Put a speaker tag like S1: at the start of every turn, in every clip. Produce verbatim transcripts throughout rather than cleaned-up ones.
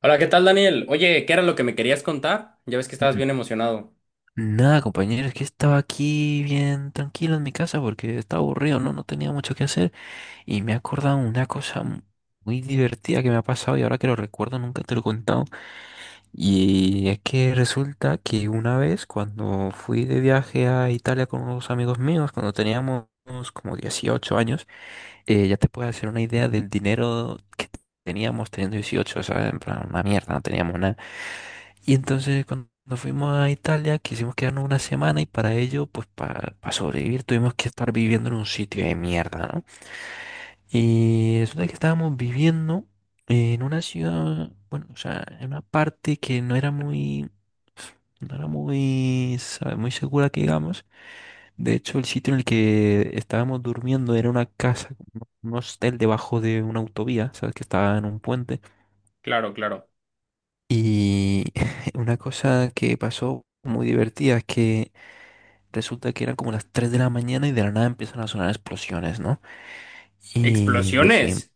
S1: Hola, ¿qué tal, Daniel? Oye, ¿qué era lo que me querías contar? Ya ves que estabas
S2: N-
S1: bien emocionado.
S2: Nada, compañero, es que estaba aquí bien tranquilo en mi casa porque estaba aburrido, ¿no? No tenía mucho que hacer y me he acordado una cosa mu- muy divertida que me ha pasado y ahora que lo recuerdo nunca te lo he contado. Y es que resulta que una vez cuando fui de viaje a Italia con unos amigos míos, cuando teníamos como dieciocho años, eh, ya te puedes hacer una idea del dinero que teníamos teniendo dieciocho, o sea, en plan, una mierda, no teníamos nada. Y entonces cuando fuimos a Italia quisimos quedarnos una semana y para ello, pues para sobrevivir tuvimos que estar viviendo en un sitio de mierda, ¿no? Y resulta que estábamos viviendo en una ciudad, bueno, o sea, en una parte que no era muy, no era muy, sabe, muy segura que digamos. De hecho, el sitio en el que estábamos durmiendo era una casa, un un hostel debajo de una autovía, ¿sabes? Que estaba en un puente.
S1: Claro, claro.
S2: Y una cosa que pasó muy divertida es que resulta que eran como las tres de la mañana y de la nada empiezan a sonar explosiones, ¿no? Y decían,
S1: ¿Explosiones?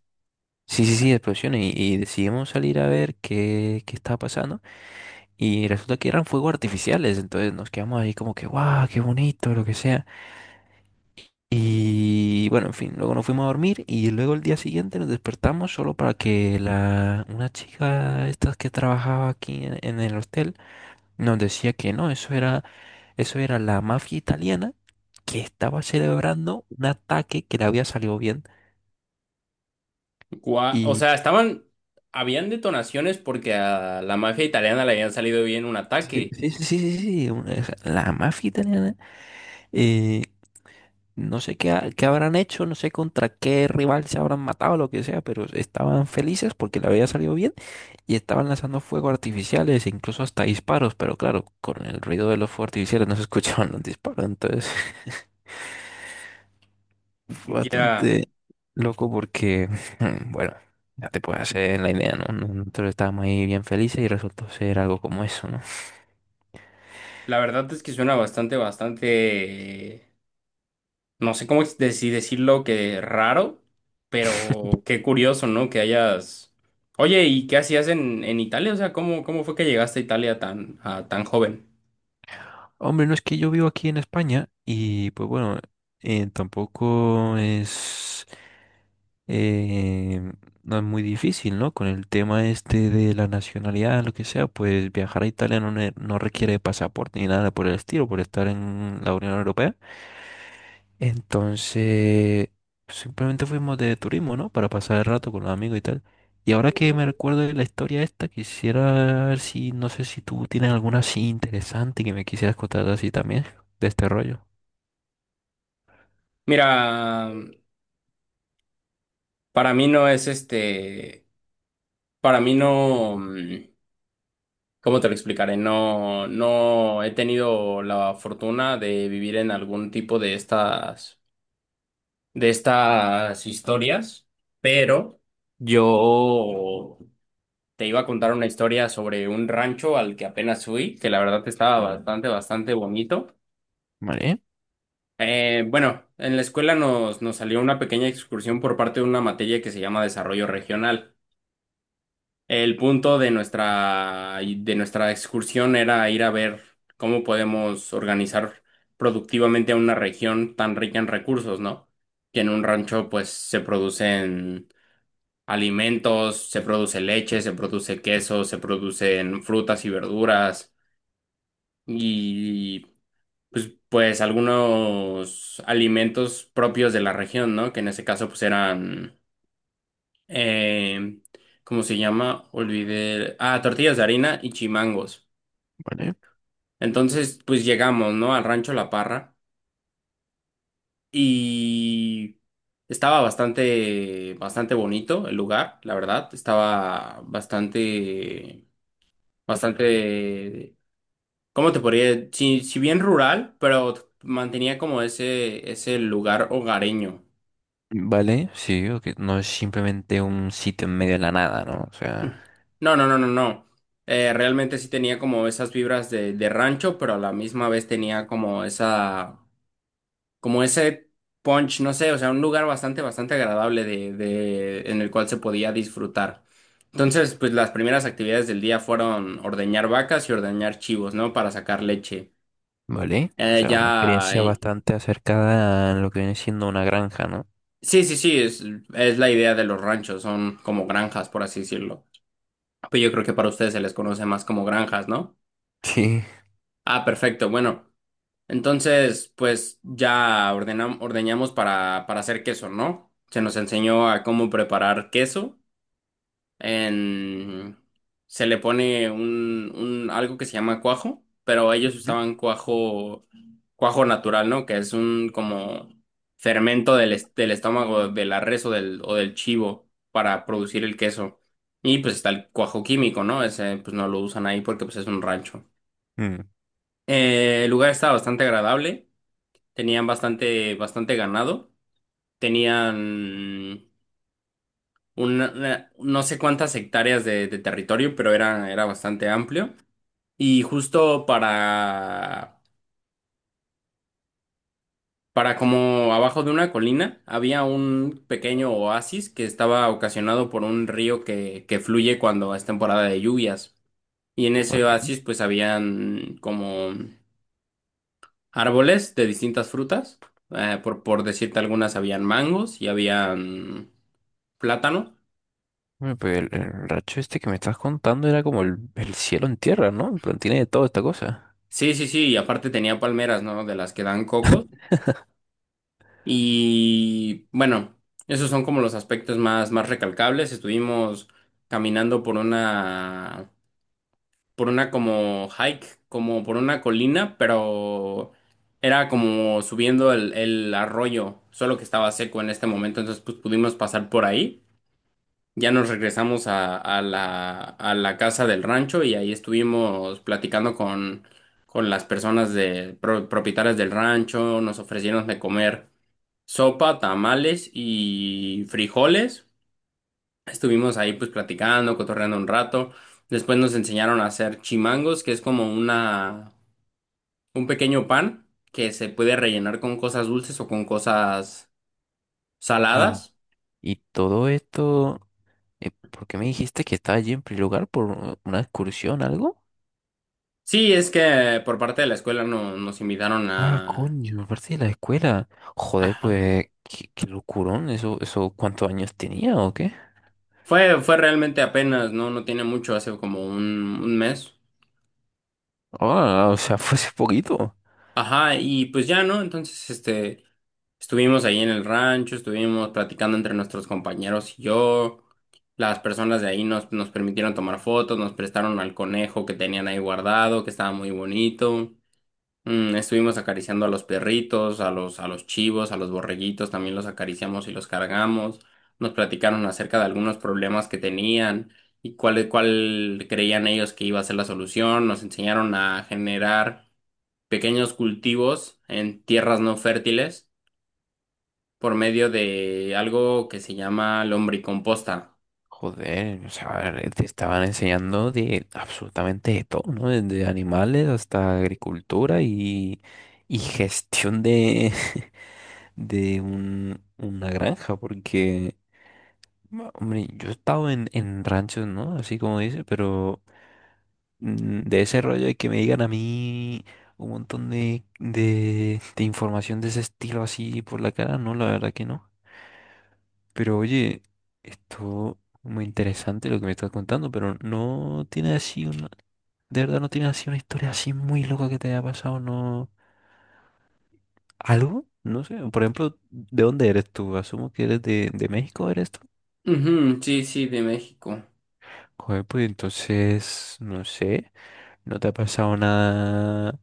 S2: sí, sí, sí, explosiones. Y, y decidimos salir a ver qué, qué estaba pasando. Y resulta que eran fuegos artificiales. Entonces nos quedamos ahí como que, guau, qué bonito, lo que sea. Y bueno, en fin, luego nos fuimos a dormir y luego el día siguiente nos despertamos solo para que la, una chica, estas que trabajaba aquí en en el hotel, nos decía que no, eso era. Eso era la mafia italiana que estaba celebrando un ataque que le había salido bien.
S1: Gua- O
S2: Y
S1: sea, estaban... Habían detonaciones porque a la mafia italiana le habían salido bien un
S2: sí,
S1: ataque.
S2: sí, sí, sí, sí, sí, una- esa- la mafia italiana, eh, no sé qué, ha- qué habrán hecho, no sé contra qué rival se habrán matado, lo que sea, pero estaban felices porque le había salido bien y estaban lanzando fuegos artificiales, e incluso hasta disparos, pero claro, con el ruido de los fuegos artificiales no se escuchaban los disparos, entonces fue
S1: Ya,
S2: bastante loco porque, bueno, ya te puedes hacer la idea, ¿no? No- Nosotros estábamos ahí bien felices y resultó ser algo como eso, ¿no?
S1: la verdad es que suena bastante, bastante, no sé cómo ex- de- si decirlo, que raro, pero qué curioso, ¿no? Que hayas... Oye, ¿y qué hacías en, en Italia? O sea, ¿cómo, cómo fue que llegaste a Italia tan, a tan joven?
S2: Hombre, no es que yo vivo aquí en España y pues bueno, eh, tampoco es, eh, no es muy difícil, ¿no? Con el tema este de la nacionalidad, lo que sea, pues viajar a Italia no, ne- no requiere pasaporte ni nada por el estilo, por estar en la Unión Europea. Entonces, simplemente fuimos de turismo, ¿no? Para pasar el rato con los amigos y tal. Y ahora que me recuerdo de la historia esta, quisiera ver si, no sé si tú tienes alguna así interesante que me quisieras contar así también, de este rollo.
S1: Mira, para mí no es este, para mí no, mm, ¿cómo te lo explicaré? No, no he tenido la fortuna de vivir en algún tipo de estas, de estas historias, pero yo te iba a contar una historia sobre un rancho al que apenas fui, que la verdad estaba bastante, bastante bonito.
S2: Vale,
S1: Eh, bueno, en la escuela nos, nos salió una pequeña excursión por parte de una materia que se llama desarrollo regional. El punto de nuestra, de nuestra excursión era ir a ver cómo podemos organizar productivamente a una región tan rica en recursos, ¿no? Que en un rancho pues se producen alimentos, se produce leche, se produce queso, se producen frutas y verduras y pues, pues algunos alimentos propios de la región, ¿no? Que en ese caso pues eran eh, ¿cómo se llama? Olvidé. Ah, tortillas de harina y chimangos.
S2: vale.
S1: Entonces, pues llegamos, ¿no? Al rancho La Parra y estaba bastante, bastante bonito el lugar, la verdad. Estaba bastante, bastante, ¿cómo te podría? Sí, sí bien rural, pero mantenía como ese, ese lugar hogareño.
S2: Vale, sí, o que no es simplemente un sitio en medio de la nada, ¿no? O sea,
S1: No, no, no, no, no. Eh, realmente sí tenía como esas vibras de, de rancho, pero a la misma vez tenía como esa, como ese punch, no sé, o sea, un lugar bastante, bastante agradable de, de, en el cual se podía disfrutar. Entonces, pues las primeras actividades del día fueron ordeñar vacas y ordeñar chivos, ¿no? Para sacar leche.
S2: vale, o
S1: Eh,
S2: sea, una
S1: ya,
S2: experiencia
S1: y-
S2: bastante acercada a lo que viene siendo una granja, ¿no?
S1: sí, sí, sí, es, es la idea de los ranchos, son como granjas, por así decirlo. Pues yo creo que para ustedes se les conoce más como granjas, ¿no?
S2: Sí.
S1: Ah, perfecto, bueno. Entonces, pues ya ordenam- ordeñamos para, para hacer queso, ¿no? Se nos enseñó a cómo preparar queso. En... Se le pone un, un algo que se llama cuajo, pero ellos
S2: Ujú.
S1: usaban cuajo, cuajo natural, ¿no? Que es un como fermento del, est- del estómago de la res o del, o del chivo para producir el queso. Y pues está el cuajo químico, ¿no? Ese pues no lo usan ahí porque pues es un rancho.
S2: Mm,
S1: Eh, el lugar está bastante agradable, tenían bastante, bastante ganado, tenían una, una- no sé cuántas hectáreas de, de territorio, pero era, era bastante amplio. Y justo para, para como abajo de una colina había un pequeño oasis que estaba ocasionado por un río que, que fluye cuando es temporada de lluvias. Y en ese
S2: ok.
S1: oasis pues habían como árboles de distintas frutas. Eh, por, por decirte algunas, habían mangos y habían plátano.
S2: Bueno, pues el, el racho este que me estás contando era como el, el cielo en tierra, ¿no? En plan, tiene de toda esta cosa.
S1: Sí, sí, sí, y aparte tenía palmeras, ¿no? De las que dan cocos. Y bueno, esos son como los aspectos más, más recalcables. Estuvimos caminando por una, por una como hike, como por una colina, pero era como subiendo el, el arroyo, solo que estaba seco en este momento, entonces pues pudimos pasar por ahí. Ya nos regresamos a, a la, a la casa del rancho y ahí estuvimos platicando con, con las personas de, pro- propietarias del rancho. Nos ofrecieron de comer sopa, tamales y frijoles. Estuvimos ahí pues platicando, cotorreando un rato. Después nos enseñaron a hacer chimangos, que es como una, un pequeño pan que se puede rellenar con cosas dulces o con cosas
S2: Y,
S1: saladas.
S2: y todo esto, eh, ¿por qué me dijiste que estaba allí en primer lugar por u- una excursión, algo?
S1: Sí, es que por parte de la escuela no, nos invitaron
S2: Ah,
S1: a...
S2: coño, aparte de la escuela. Joder,
S1: Ajá.
S2: pues, qué, qué locurón, eso, eso, ¿cuántos años tenía o qué?
S1: Fue, fue realmente apenas, ¿no? No tiene mucho, hace como un, un mes.
S2: Ah, o sea, fue hace poquito.
S1: Ajá, y pues ya, ¿no? Entonces, este, estuvimos ahí en el rancho, estuvimos platicando entre nuestros compañeros y yo. Las personas de ahí nos, nos permitieron tomar fotos, nos prestaron al conejo que tenían ahí guardado, que estaba muy bonito. Mm, estuvimos acariciando a los perritos, a los, a los chivos, a los borreguitos, también los acariciamos y los cargamos. Nos platicaron acerca de algunos problemas que tenían y cuál, cuál creían ellos que iba a ser la solución. Nos enseñaron a generar pequeños cultivos en tierras no fértiles por medio de algo que se llama lombricomposta.
S2: Joder, o sea, te estaban enseñando de absolutamente de todo, ¿no? Desde animales hasta agricultura y, y gestión de, de un- una granja, porque, ma- hombre, yo he estado en, en ranchos, ¿no? Así como dice, pero mm, de ese rollo de que me digan a mí un montón de, de, de información de ese estilo así por la cara, no, la verdad que no. Pero oye, esto muy interesante lo que me estás contando, pero no tiene así una, de verdad no tiene así una historia así muy loca que te haya pasado, ¿no? ¿Algo? No sé, por ejemplo, ¿de dónde eres tú? Asumo que eres de, de México, ¿eres tú?
S1: Ujú, sí, sí, de México.
S2: Joder, pues entonces, no sé, no te ha pasado nada,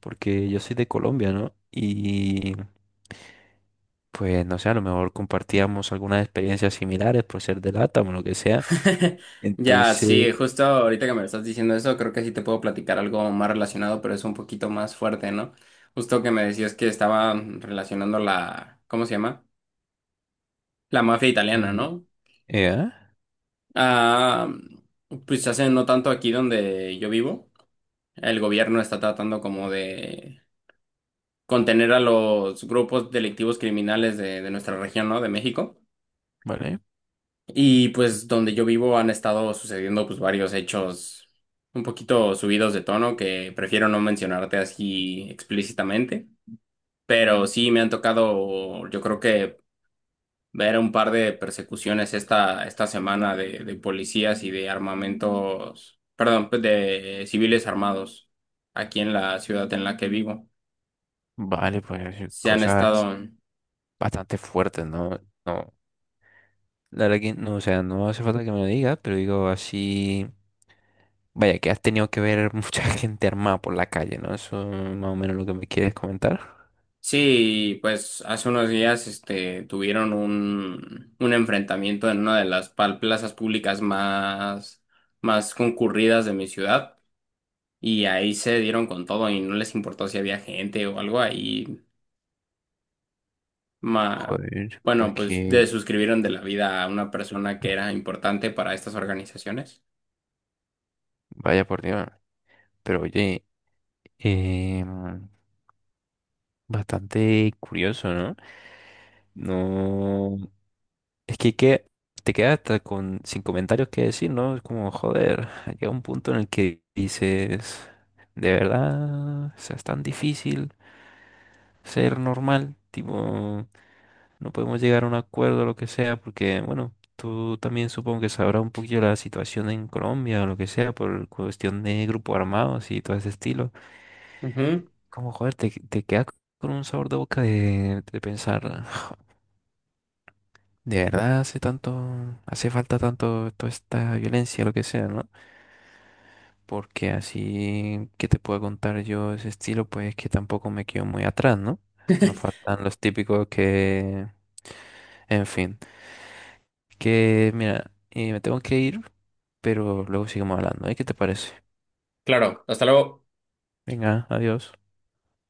S2: porque yo soy de Colombia, ¿no? Y pues no sé, a lo mejor compartíamos algunas experiencias similares por ser de LATAM o lo que sea.
S1: Ya,
S2: Entonces,
S1: sí, justo ahorita que me lo estás diciendo eso, creo que sí te puedo platicar algo más relacionado, pero es un poquito más fuerte, ¿no? Justo que me decías que estaba relacionando la, ¿cómo se llama? La mafia italiana,
S2: eh,
S1: ¿no?
S2: ¿eh?
S1: Ah, pues hace no tanto aquí donde yo vivo, el gobierno está tratando como de contener a los grupos delictivos criminales de, de nuestra región, ¿no? De México.
S2: Vale,
S1: Y pues donde yo vivo han estado sucediendo pues varios hechos un poquito subidos de tono que prefiero no mencionarte así explícitamente, pero sí me han tocado yo creo que ver un par de persecuciones esta, esta semana de, de policías y de armamentos, perdón, pues, de civiles armados aquí en la ciudad en la que vivo.
S2: vale, pues
S1: Se han
S2: cosas
S1: estado...
S2: bastante fuertes, ¿no? No, la verdad que no, o sea, no hace falta que me lo digas, pero digo así, vaya, que has tenido que ver mucha gente armada por la calle, ¿no? Eso es más o menos lo que me quieres comentar.
S1: Sí, pues hace unos días este, tuvieron un, un enfrentamiento en una de las pal- plazas públicas más, más concurridas de mi ciudad y ahí se dieron con todo y no les importó si había gente o algo ahí. ma-
S2: Joder, pues
S1: bueno, pues
S2: que,
S1: desuscribieron de la vida a una persona que era importante para estas organizaciones.
S2: vaya por Dios, pero oye, em, bastante curioso, ¿no? No, es que, que te quedas hasta con, sin comentarios que decir, ¿no? Es como, joder, llega un punto en el que dices, de verdad, o sea, es tan difícil ser normal, tipo, no podemos llegar a un acuerdo o lo que sea, porque, bueno, tú también supongo que sabrás un poquillo la situación en Colombia o lo que sea, por cuestión de grupos armados y todo ese estilo.
S1: Ujú,
S2: Como, joder, te, te quedas con un sabor de boca de, de pensar, de verdad hace tanto, hace falta tanto toda esta violencia, lo que sea, ¿no? Porque así que te puedo contar yo ese estilo, pues que tampoco me quedo muy atrás, ¿no? Nos faltan los típicos que... En fin, que mira, eh, me tengo que ir, pero luego seguimos hablando, ¿eh? ¿Qué te parece?
S1: claro, hasta luego.
S2: Venga, adiós.